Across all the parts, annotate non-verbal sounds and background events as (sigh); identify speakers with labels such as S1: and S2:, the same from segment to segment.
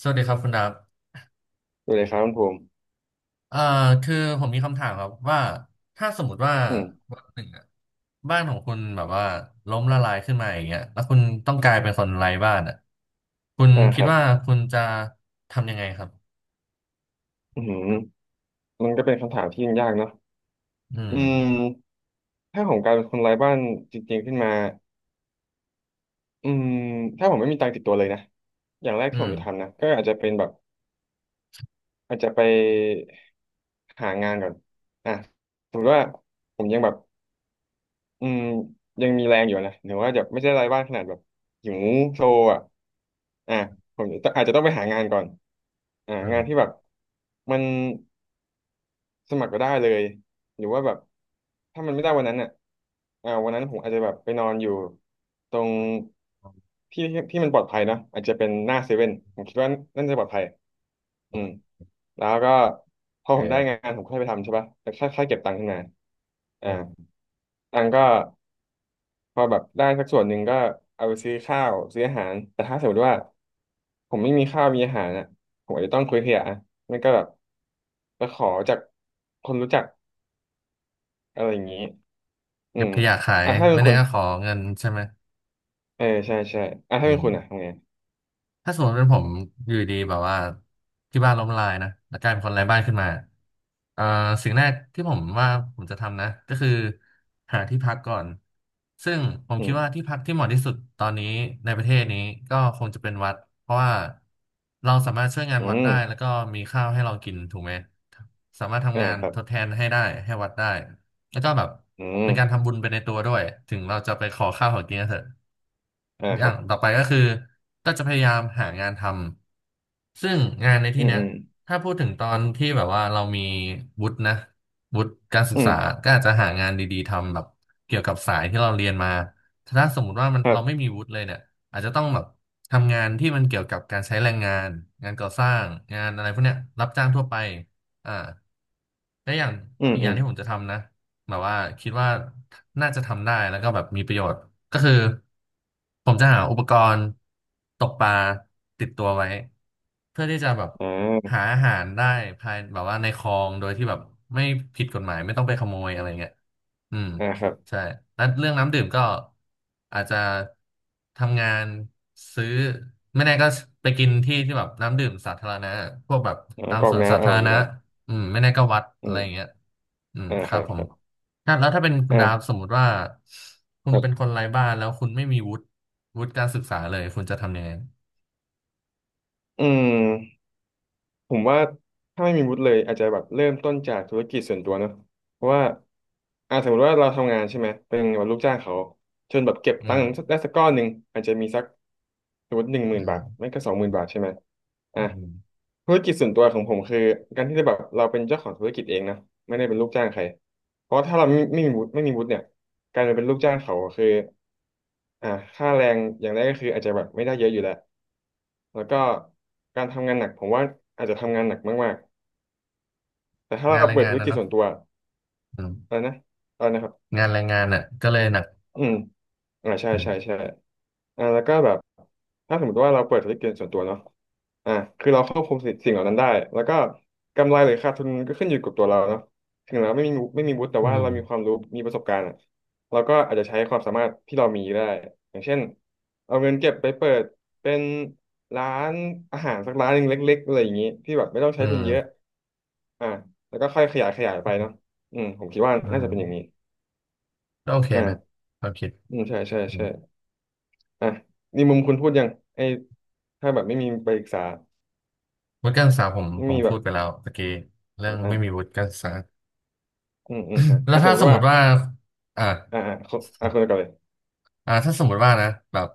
S1: สวัสดีครับคุณดับ
S2: ดูเลยครับคุณภูมิ
S1: เอ่อคือผมมีคำถามครับว่าถ้าสมมติว่า
S2: อืม
S1: วันหนึ่งอะบ้านของคุณแบบว่าล้มละลายขึ้นมาอย่างเงี้ยแล้วคุณต้องกลายเป็นคนไร้บ้านอ่ะคุณ
S2: อ่าค
S1: คิด
S2: รับ
S1: ว่าคุณจะทำยังไงครับ
S2: อืมมันก็เป็นคำถามที่ยากเนาะ
S1: อื
S2: อื
S1: ม
S2: มถ้าผมกลายเป็นคนไร้บ้านจริงๆขึ้นมาอืมถ้าผมไม่มีตังค์ติดตัวเลยนะอย่างแรก
S1: อื
S2: ที่ผม
S1: ม
S2: จะทำนะก็อาจจะเป็นแบบอาจจะไปหางานก่อนอ่ะสมมติว่าผมยังแบบอืมยังมีแรงอยู่นะหรือว่าจะไม่ใช่ไร้บ้านขนาดแบบหิวโซอ่ะอ่ะผมอาจจะต้องไปหางานก่อน
S1: อื
S2: งาน
S1: ม
S2: ที่แบบมัน สมัครก็ได้เลยหรือว่าแบบถ้ามันไม่ได้วันนั้นอ่ะวันนั้นผมอาจจะแบบไปนอนอยู่ตรงที่ที่มันปลอดภัยเนอะอาจจะเป็นหน้าเซเว่นผมคิดว่านั่นจะปลอดภัยอืม
S1: โอ
S2: แล้วก็พอผ
S1: เ
S2: มได้งา
S1: ค
S2: นผมค่อยไปทำใช่ป่ะแต่ค่าเก็บตังค์ขึ้นมาอ่า
S1: อืม
S2: ตังค์ก็พอแบบได้สักส่วนหนึ่งก็เอาไปซื้อข้าวซื้ออาหาร แต่ถ้าสมมติว่าผมไม่มีข้าวมีอาหารอ่ะผมอาจจะต้องคุยเถียอ่ะไม่ก็แบบไปขอจากคนรู้จัก อะไรอย่างนี้อื
S1: เก็บ
S2: ม
S1: ขยะขาย
S2: อ่ะถ้าเป็น
S1: ไม่แน่
S2: คุณ
S1: ก็ขอเงินใช่ไหม
S2: เออใช่ใช่อ่ะถ้า
S1: อื
S2: เป็น
S1: ม
S2: คุณอ่ะทำไง
S1: ถ้าสมมติเป็นผมอยู่ดีแบบว่าที่บ้านล้มละลายนะแล้วกลายเป็นคนไร้บ้านขึ้นมาเอ่อสิ่งแรกที่ผมว่าผมจะทำนะก็คือหาที่พักก่อนซึ่งผม
S2: อื
S1: คิดว่า
S2: ม
S1: ที่พักที่เหมาะที่สุดตอนนี้ในประเทศนี้ก็คงจะเป็นวัดเพราะว่าเราสามารถช่วยงาน
S2: อื
S1: วัด
S2: ม
S1: ได้แล้วก็มีข้าวให้เรากินถูกไหมสามารถ
S2: อ่า
S1: ทำงาน
S2: ครับ
S1: ทดแทนให้ได้ให้วัดได้แล้วก็แบบ
S2: อืม
S1: เป็นการทำบุญไปในตัวด้วยถึงเราจะไปขอข้าวขอกินก็เถอะ
S2: อ่า
S1: อ
S2: ค
S1: ย่า
S2: รับ
S1: งต่อไปก็คือก็จะพยายามหางานทำซึ่งงานใน
S2: อื
S1: ที่
S2: ม
S1: เนี้
S2: อื
S1: ย
S2: ม
S1: ถ้าพูดถึงตอนที่แบบว่าเรามีวุฒินะวุฒิการศึก
S2: อืม
S1: ษาก็อาจจะหางานดีๆทำแบบเกี่ยวกับสายที่เราเรียนมาถ้าสมมุติว่ามัน
S2: ครั
S1: เราไม่
S2: บ
S1: มีวุฒิเลยเนี่ยอาจจะต้องแบบทำงานที่มันเกี่ยวกับการใช้แรงงานงานก่อสร้างงานอะไรพวกเนี้ยรับจ้างทั่วไปอ่าและอย่าง
S2: อืม
S1: อีก
S2: อื
S1: อย่า
S2: ม
S1: งที่ผมจะทำนะ แบบว่าคิดว่าน่าจะทำได้แล้วก็แบบมีประโยชน์ก็คือผมจะหาอุปกรณ์ตกปลาติดตัวไว้เพื่อที่จะแบบ
S2: อ่า
S1: หาอาหารได้ภายแบบว่าในคลองโดยที่แบบไม่ผิดกฎหมายไม่ต้องไปขโมยอะไรเงี้ยอืม
S2: อ่าครับ
S1: ใช่แล้วเรื่องน้ำดื่มก็อาจจะทำงานซื้อไม่แน่ก็ไปกินที่ที่แบบน้ำดื่มสาธารณะพวกแบบ
S2: อ่า
S1: ตา
S2: ก
S1: ม
S2: รอ
S1: ส
S2: ก
S1: วนสา
S2: น้ำเอา
S1: ธา
S2: อ
S1: ร
S2: ย่างนี้
S1: ณะ
S2: แบบ
S1: อืมไม่แน่ก็วัด
S2: อื
S1: อะไร
S2: ม
S1: อย่างเงี้ยอืม
S2: อ่า
S1: ค
S2: ค
S1: รั
S2: รั
S1: บ
S2: บ
S1: ผ
S2: ค
S1: ม
S2: รับ
S1: ถ้าแล้วถ้าเป็นคุณดาฟส
S2: อ่า
S1: มมุติว่าคุ
S2: ค
S1: ณ
S2: รั
S1: เป็นค
S2: บ
S1: นไร้บ้านแล้วคุณไม่มีวุฒิการศึกษาเลยคุณจะทำยังไง
S2: อืม ผมว่าถ้าไม่มีวุฒิเลยอาจจะแบบเริ่มต้นจากธุรกิจส่วนตัวเนอะเพราะว่าสมมติว่าเราทำงานใช่ไหมเป็นแบบลูกจ้างเขาจนแบบเก็บ
S1: อื
S2: ตัง
S1: ม
S2: ค์ได้สักก้อนหนึ่งอาจจะมีสักสมมติหนึ่งหมื่น
S1: อื
S2: บาท
S1: ม
S2: ไม่ก็สองหมื่นบาทใช่ไหมอ่ะ
S1: อืม
S2: ธุรกิจส่วนตัวของผมคือการที่จะแบบเราเป็นเจ้าของธุรกิจเองนะไม่ได้เป็นลูกจ้างใครเพราะถ้าเราไม่มีวุฒิไม่มีวุฒิเนี่ยการจะเป็นลูกจ้างเขาคือ อ่าค่าแรงอย่างแรกก็คืออาจจะแบบไม่ได้เยอะอยู่แล้ว แล้วก็การทำงานหนักผมว่าอาจจะทำงานหนักมากๆแต่ถ้า
S1: งาน
S2: เรา
S1: แร
S2: เปิ
S1: ง
S2: ด
S1: งา
S2: ธุ
S1: น
S2: ร
S1: นะ
S2: กิจส่
S1: เนาะ
S2: วนตัว
S1: อื
S2: อะไร
S1: ม
S2: นะอะไรนะครับ
S1: งานแรงงานน่ะก็เลยหนัก
S2: อืม ใช่
S1: อื
S2: ใช่ใช่
S1: ม
S2: แล้วก็แบบถ้าสมมติว่าเราเปิดธุรกิจส่วนตัวเนาะอ่าคือเราควบคุมสิ่งเหล่านั้นได้แล้วก็กำไรหรือขาดทุนก็ขึ้นอยู่กับตัวเราเนาะถึงเราไม่มีวุฒิแต่
S1: อื
S2: ว่าเรามีความ
S1: ม
S2: รู้มีประสบการณ์อะเราก็อาจจะใช้ความสามารถที่เรามีได้อย่างเช่นเอาเงินเก็บไปเปิดเป็นร้านอาหารสักร้านหนึ่งเล็กๆอะไรอย่างนี้ที่แบบไม่ต้องใช้
S1: อื
S2: ทุน
S1: ม
S2: เยอะอ่าแล้วก็ค่อยขยายไปเนาะอืมผมคิดว่า
S1: อื
S2: น่าจะเป็นอย่างนี้
S1: มก็โอเคนะ
S2: อ่า
S1: ความคิด
S2: อืมใช่ใช่
S1: อื
S2: ใช่
S1: ม
S2: อ่ะนี่มุมคุณพูดยังไอ้ถ้าแบบไม่มีไปศึกษา
S1: วุฒิการศึกษาผม
S2: ไม่
S1: ผ
S2: มี
S1: ม
S2: แบ
S1: พู
S2: บ
S1: ดไปแล้วตะกี้เรื่องไม่มี
S2: อ่า
S1: วุฒิการศึกษา
S2: อืมอ่ะ
S1: (coughs) แล้
S2: อ่ะ
S1: ว
S2: สม
S1: ถ้า
S2: ม
S1: ส
S2: ติ
S1: มม
S2: ว่า
S1: ติว่าอ่า
S2: อ่าเขาคนก่อนเลย
S1: ถ้าสมมติว่านะแบบ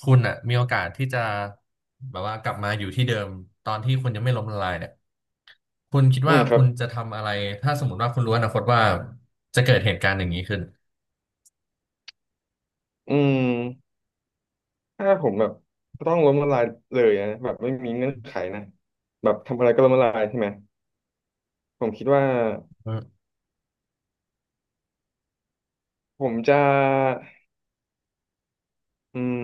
S1: คุณอ่ะมีโอกาสที่จะแบบว่ากลับมาอยู่ที่เดิมตอนที่คุณยังไม่ล้มละลายเนี่ย คุณคิด
S2: อื
S1: ว่า
S2: มครั
S1: คุ
S2: บ
S1: ณจะทำอะไรถ้าสมมติว่าคุณรู้อนาคตว่าจะเกิดเหตุการณ์อย่างนี้ขึ้น
S2: อืมถ้าผมแบบต้องล้มละลายเลยนะแบบไม่มีเงื่อนไขนะแบบทำอะไรก็ล้มละลายใช่ไหมผมคิดว่า
S1: อืม
S2: ผมจะอืม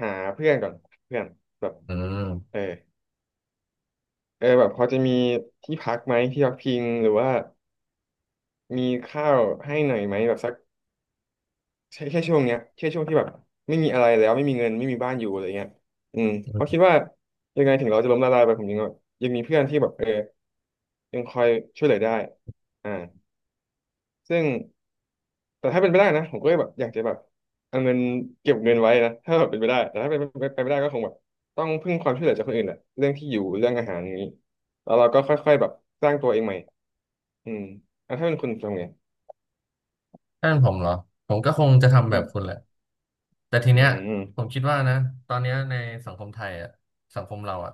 S2: หาเพื่อนก่อนเพื่อนแบบ
S1: อื
S2: เออ
S1: ม
S2: เออแบบพอจะมีที่พักไหมที่พักพิงหรือว่ามีข้าวให้หน่อยไหมแบบสัก ใช่แค่ช่วงเนี้ยแค่ช่วงที่แบบไม่มีอะไรแล้วไม่มีเงินไม่มีบ้านอยู่อะไรเงี้ยอืมเพราะคิดว่ายังไงถึงเราจะล้มละลายไปผมยังมีเพื่อนที่แบบเออยังคอยช่วยเหลือได้อ่าซึ่งแต่ถ้าเป็นไปได้นะผมก็แบบอยากจะแบบเอาเงินเก็บเงินไว้นะถ้าแบบเป็นไปได้แต่ถ้าเป็นไปไม่ได้ก็คงแบบต้องพึ่งความช่วยเหลือจากคนอื่นแหละเรื่องที่อยู่เรื่องอาหารอย่างนี้แล้วเราก็ค่อยๆแบบสร้างตัวเองใหม่อืมอ่ะถ้าเป็นคุณทำไง
S1: ถ้าเป็นผมเหรอผมก็คงจะทำ
S2: อื
S1: แบบคุ
S2: ม
S1: ณแหละ แต่ที
S2: อื
S1: เนี้ยผม
S2: ม
S1: คิดว่านะตอนเนี้ยในสังคมไทยอ่ะสังคมเราอ่ะ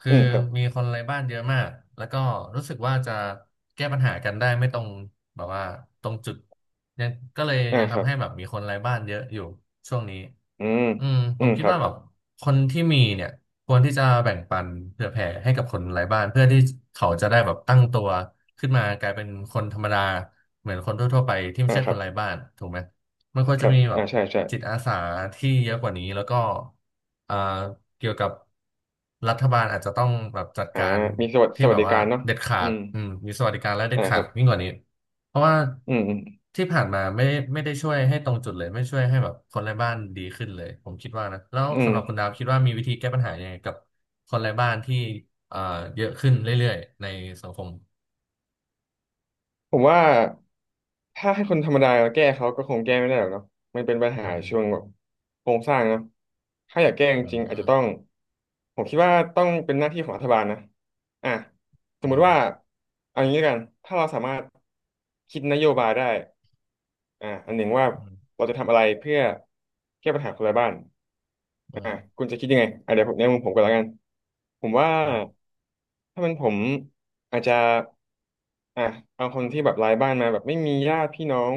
S1: คื
S2: อื
S1: อ
S2: มครับ
S1: มีคนไร้บ้านเยอะมากแล้วก็รู้สึกว่าจะแก้ปัญหากันได้ไม่ตรงแบบว่าตรงจุดยังก็เลย
S2: อ่า
S1: ยัง
S2: ครั
S1: ทำ
S2: บ
S1: ให้แบบมีคนไร้บ้านเยอะอยู่ช่วงนี้
S2: อืม
S1: อืม
S2: อื
S1: ผม
S2: ม
S1: คิ
S2: ค
S1: ด
S2: รับ
S1: ว่าแบบคนที่มีเนี่ยควรที่จะแบ่งปันเผื่อแผ่ให้กับคนไร้บ้านเพื่อที่เขาจะได้แบบตั้งตัวขึ้นมากลายเป็นคนธรรมดาเหมือนคนทั่วๆไปที่ไม่
S2: อ่า
S1: ใช่
S2: ค
S1: ค
S2: รับ
S1: นไร้บ้านถูกไหม มันควร
S2: ค
S1: จะ
S2: รับ
S1: มีแบ
S2: อ่า
S1: บ
S2: ใช่ใช่
S1: จิตอาสาที่เยอะกว่านี้แล้วก็อ่าเกี่ยวกับรัฐบาลอาจจะต้องแบบจัด
S2: อ่า
S1: การ
S2: มีส
S1: ที่
S2: วั
S1: แบ
S2: ส
S1: บ
S2: ดิ
S1: ว่า
S2: การเนาะ
S1: เด็ดขา
S2: อื
S1: ด
S2: ม
S1: อืมมีสวัสดิการและเด็ด
S2: อ่าค
S1: ขา
S2: รั
S1: ด
S2: บ
S1: ยิ่งกว่านี้เพราะว่า
S2: อืม
S1: ที่ผ่านมาไม่ได้ช่วยให้ตรงจุดเลยไม่ช่วยให้แบบคนไร้บ้านดีขึ้นเลยผมคิดว่านะแล้ว
S2: อืม
S1: สำหรับคุณดาวคิดว่ามีวิธีแก้ปัญหายังไงกับคนไร้บ้านที่อ่าเยอะขึ้นเรื่อยๆในสังคม
S2: ผมว่าถ้าให้คนธรรมดาแก้เขาก็คงแก้ไม่ได้หรอกเนาะมันเป็นปัญ
S1: อื
S2: หา
S1: ม
S2: ช่วงแบบโครงสร้างเนาะถ้าอยากแก้จ
S1: อื
S2: ริ
S1: ม
S2: งๆอาจ
S1: อื
S2: จะ
S1: ม
S2: ต้อง ผมคิดว่าต้องเป็นหน้าที่ของรัฐบาลนะอ่ะสม
S1: อื
S2: มุ
S1: ม
S2: ติว่าเอางี้แล้วกัน ถ้าเราสามารถคิดนโยบายได้อันหนึ่งว่า
S1: อืม
S2: เราจะทำอะไรเพื่อแก้ปัญหาคนไระบ้าน
S1: อื
S2: อ่า
S1: ม
S2: คุณจะคิดยังไงอ่ะเดี๋ยวผมในมุมผมก่อนแล้วกันผมว่า
S1: อืม
S2: ถ้าเป็นผมอาจจะอ่ะเอาคนที่แบบรายบ้านมาแบบไม่มีญาติพี่น้อง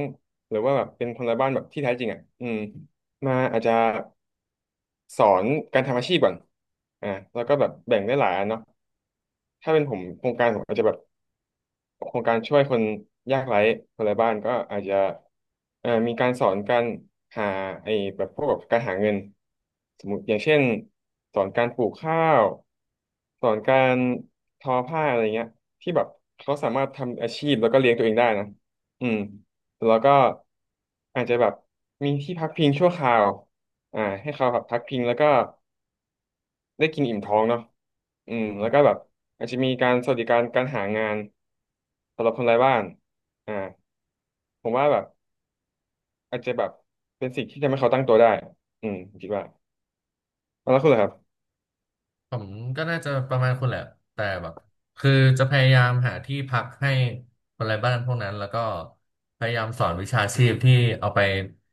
S2: หรือว่าแบบเป็นคนรายบ้านแบบที่แท้จริงอ่ะอืมมาอาจจะสอนการทำอาชีพก่อนอ่าแล้วก็แบบแบ่งได้หลายอันเนาะถ้าเป็นผมโครงการผมอาจจะแบบ โครงการช่วยคนยากไร้คนไร้บ้านก็อาจจะมีการสอนการหาไอ้แบบพวกแบบการหาเงินสมมติอย่างเช่นสอนการปลูกข้าวสอนการทอผ้าอะไรเงี้ยที่แบบเขาสามารถทำอาชีพแล้วก็เลี้ยงตัวเองได้นะอืมแล้วก็อาจจะแบบมีที่พักพิงชั่วคราวอ่าให้เขาแบบพักพิงแล้วก็ ได้กินอิ่มท้องเนาะอืมแล้วก็แบบอาจจะมีการสวัสดิการการหางานสำหรับคนไร้บ้านอ่าผมว่าแบบอาจจะแบบเป็นสิ่งที่ทำให้เขาตั้งตัวได้อืมผมคิดว่าแล้วคุณล่ะครับ
S1: ผมก็น่าจะประมาณคุณแหละแต่แบบคือจะพยายามหาที่พักให้คนไร้บ้านพวกนั้นแล้วก็พยายามสอนวิชาชีพที่เอาไป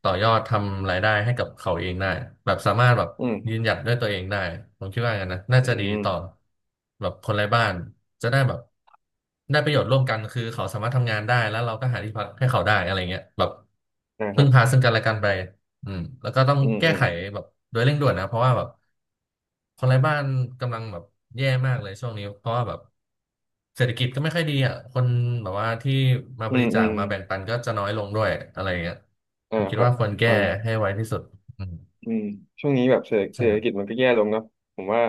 S1: ต่อยอดทำรายได้ให้กับเขาเองได้แบบสามารถแบบ
S2: อืม
S1: ยืนหยัดด้วยตัวเองได้ผมคิดว่างั้นนะน่า
S2: อื
S1: จะดี
S2: ม
S1: ต่อแบบคนไร้บ้านจะได้แบบได้ประโยชน์ร่วมกันคือเขาสามารถทำงานได้แล้วเราก็หาที่พักให้เขาได้อะไรเงี้ยแบบ
S2: นะค
S1: พึ่
S2: รั
S1: งพา
S2: บ
S1: ซึ่งกันและกันไปอืมแล้วก็ต้อง
S2: อืม
S1: แก้
S2: อืม
S1: ไขแบบโดยเร่งด่วนนะเพราะว่าแบบ คนไร้บ้านกำลังแบบแย่มากเลยช่วงนี้เพราะว่าแบบเศรษฐกิจก็ไม่ค่อยดีอ่ะคนแบบว่าที่มา
S2: อื
S1: บ
S2: ม
S1: ริจา
S2: อื
S1: ค
S2: ม
S1: มาแบ่งปันก็จะน้อยลงด้วยอะไรอย่างเงี้ย
S2: อ่า
S1: ผมคิ
S2: ค
S1: ด
S2: รับ
S1: ว่าควรแก้
S2: อ่า
S1: ให้ไวที่สุดอืม
S2: อืมช่วงนี้แบบเศ
S1: ใช่
S2: รษฐกิจมันก็แย่ลงเนาะผมว่า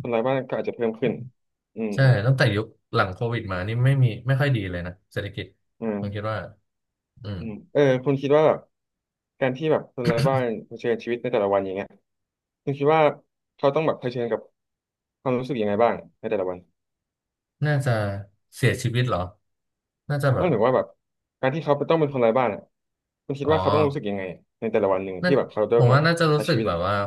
S2: คนไร้บ้านก็อาจจะเพิ่มขึ้นอืม
S1: ใช่
S2: อืม
S1: ตั้งแต่ยุคหลังโควิดมานี่ไม่ค่อยดีเลยนะเศรษฐกิจ
S2: อืม
S1: ผมคิดว่าอืม
S2: อืมเออคุณคิดว่าแบบการที่แบบคนไร้บ้านเผชิญชีวิตในแต่ละวันอย่างเงี้ยคุณคิดว่าเขาต้องแบบเผชิญกับความรู้สึกยังไงบ้างในแต่ละวัน
S1: น่าจะเสียชีวิตเหรอน่าจะแบ
S2: นั่น
S1: บ
S2: ถึงว่าแบบการที่เขาต้องเป็นคนไร้บ้านอ่ะคุณคิด
S1: อ๋อ
S2: ว่าเขาต้องรู้สึกยังไงในแต่ละวันหนึ่ง
S1: น่า
S2: ที่แบบเขา
S1: ผ
S2: ต้อง
S1: ม
S2: แบ
S1: ว่า
S2: บ
S1: น่าจะรู้
S2: ใช้
S1: สึ
S2: ชี
S1: ก
S2: วิต
S1: แบบว่า
S2: อ่ะ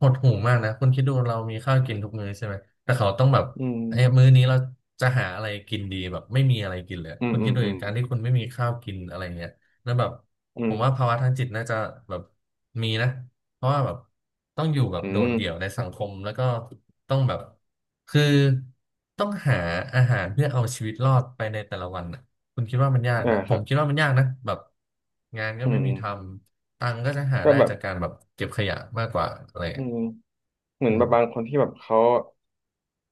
S1: หดหู่มากนะคุณคิดดูเรามีข้าวกินทุกมื้อใช่ไหมแต่เขาต้องแบบ
S2: อืม
S1: เอ้ยมื้อนี้เราจะหาอะไรกินดีแบบไม่มีอะไรกินเลย
S2: อืม
S1: คุณ
S2: อื
S1: คิ
S2: ม
S1: ดดู
S2: อื
S1: เห
S2: ม
S1: ตุการณ์ที่คุณไม่มีข้าวกินอะไรเงี้ยแล้วแบบ
S2: อื
S1: ผ
S2: ม
S1: มว่าภาวะทางจิตน่าจะแบบมีนะเพราะว่าแบบต้องอยู่แบบ
S2: อื
S1: โดด
S2: ม
S1: เดี่ยวในสังคมแล้วก็ต้องแบบคือต้องหาอาหารเพื่อเอาชีวิตรอดไปในแต่ละวันนะคุณคิดว่ามันยาก
S2: อ่า
S1: นะ
S2: ค
S1: ผ
S2: รั
S1: ม
S2: บ
S1: คิดว่ามันยากนะแบบงานก็
S2: อื
S1: ไม่
S2: ม
S1: มีทำ ตังค์ก็จะหา
S2: ก็
S1: ได้
S2: แบบ
S1: จากการแบบเก็บขยะมากกว่าอะไรอย่าง
S2: อื
S1: เงี้ย
S2: ม เหมือน
S1: อื
S2: แบบบางค
S1: ม
S2: นที่แบบเขา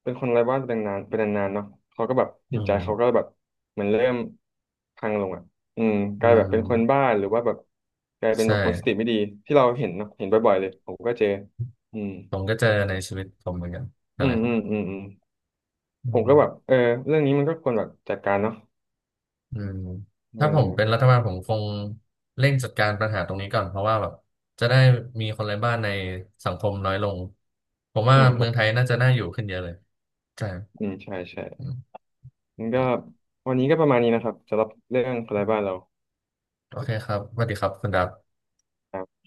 S2: เป็นคนไร้บ้านเป็นนานเป็นนานๆเนาะเขาก็แบบ
S1: อื
S2: จิตใจเขาก็
S1: ม
S2: แบบเหมือนเริ่มพังลงอ่ะอืมก
S1: อื
S2: ลายแบบเป็นคน
S1: ม
S2: บ้าหรือว่าแบบกลายเป็น
S1: ใช่
S2: แบบคนสติไม่ดีที่เราเห็นเนาะเห็นบ่อยๆเลยผมก็เจออืม
S1: ผมก็เจอในชีวิตผมเหมือนกัน
S2: อื
S1: อะไร
S2: ม
S1: ค
S2: อื
S1: รั
S2: ม
S1: บ
S2: อืมอืมผ
S1: อื
S2: ม
S1: ม
S2: ก็แบบเออเรื่องนี้มันก็ควรแบบจัดการเนาะ
S1: อืม
S2: เอ
S1: ถ้าผมเป็น
S2: อ
S1: รัฐบาลผมคงเร่งจัดการปัญหาตรงนี้ก่อนเพราะว่าแบบจะได้มีคนไร้บ้านในสังคมน้อยลง ผม
S2: อื
S1: ว่า
S2: มค
S1: เมื
S2: รั
S1: อ
S2: บ
S1: งไทยน่าจะน่าอยู่ขึ้นเยอะเลยใช่
S2: อืมใช่ใช่
S1: อืม
S2: มันก็วันนี้ก็ประมาณนี้นะครับสำหรับเรื่องคนไร้บ้านเรา
S1: โอเคครับสวัสดีครับคุณดับ
S2: ครับ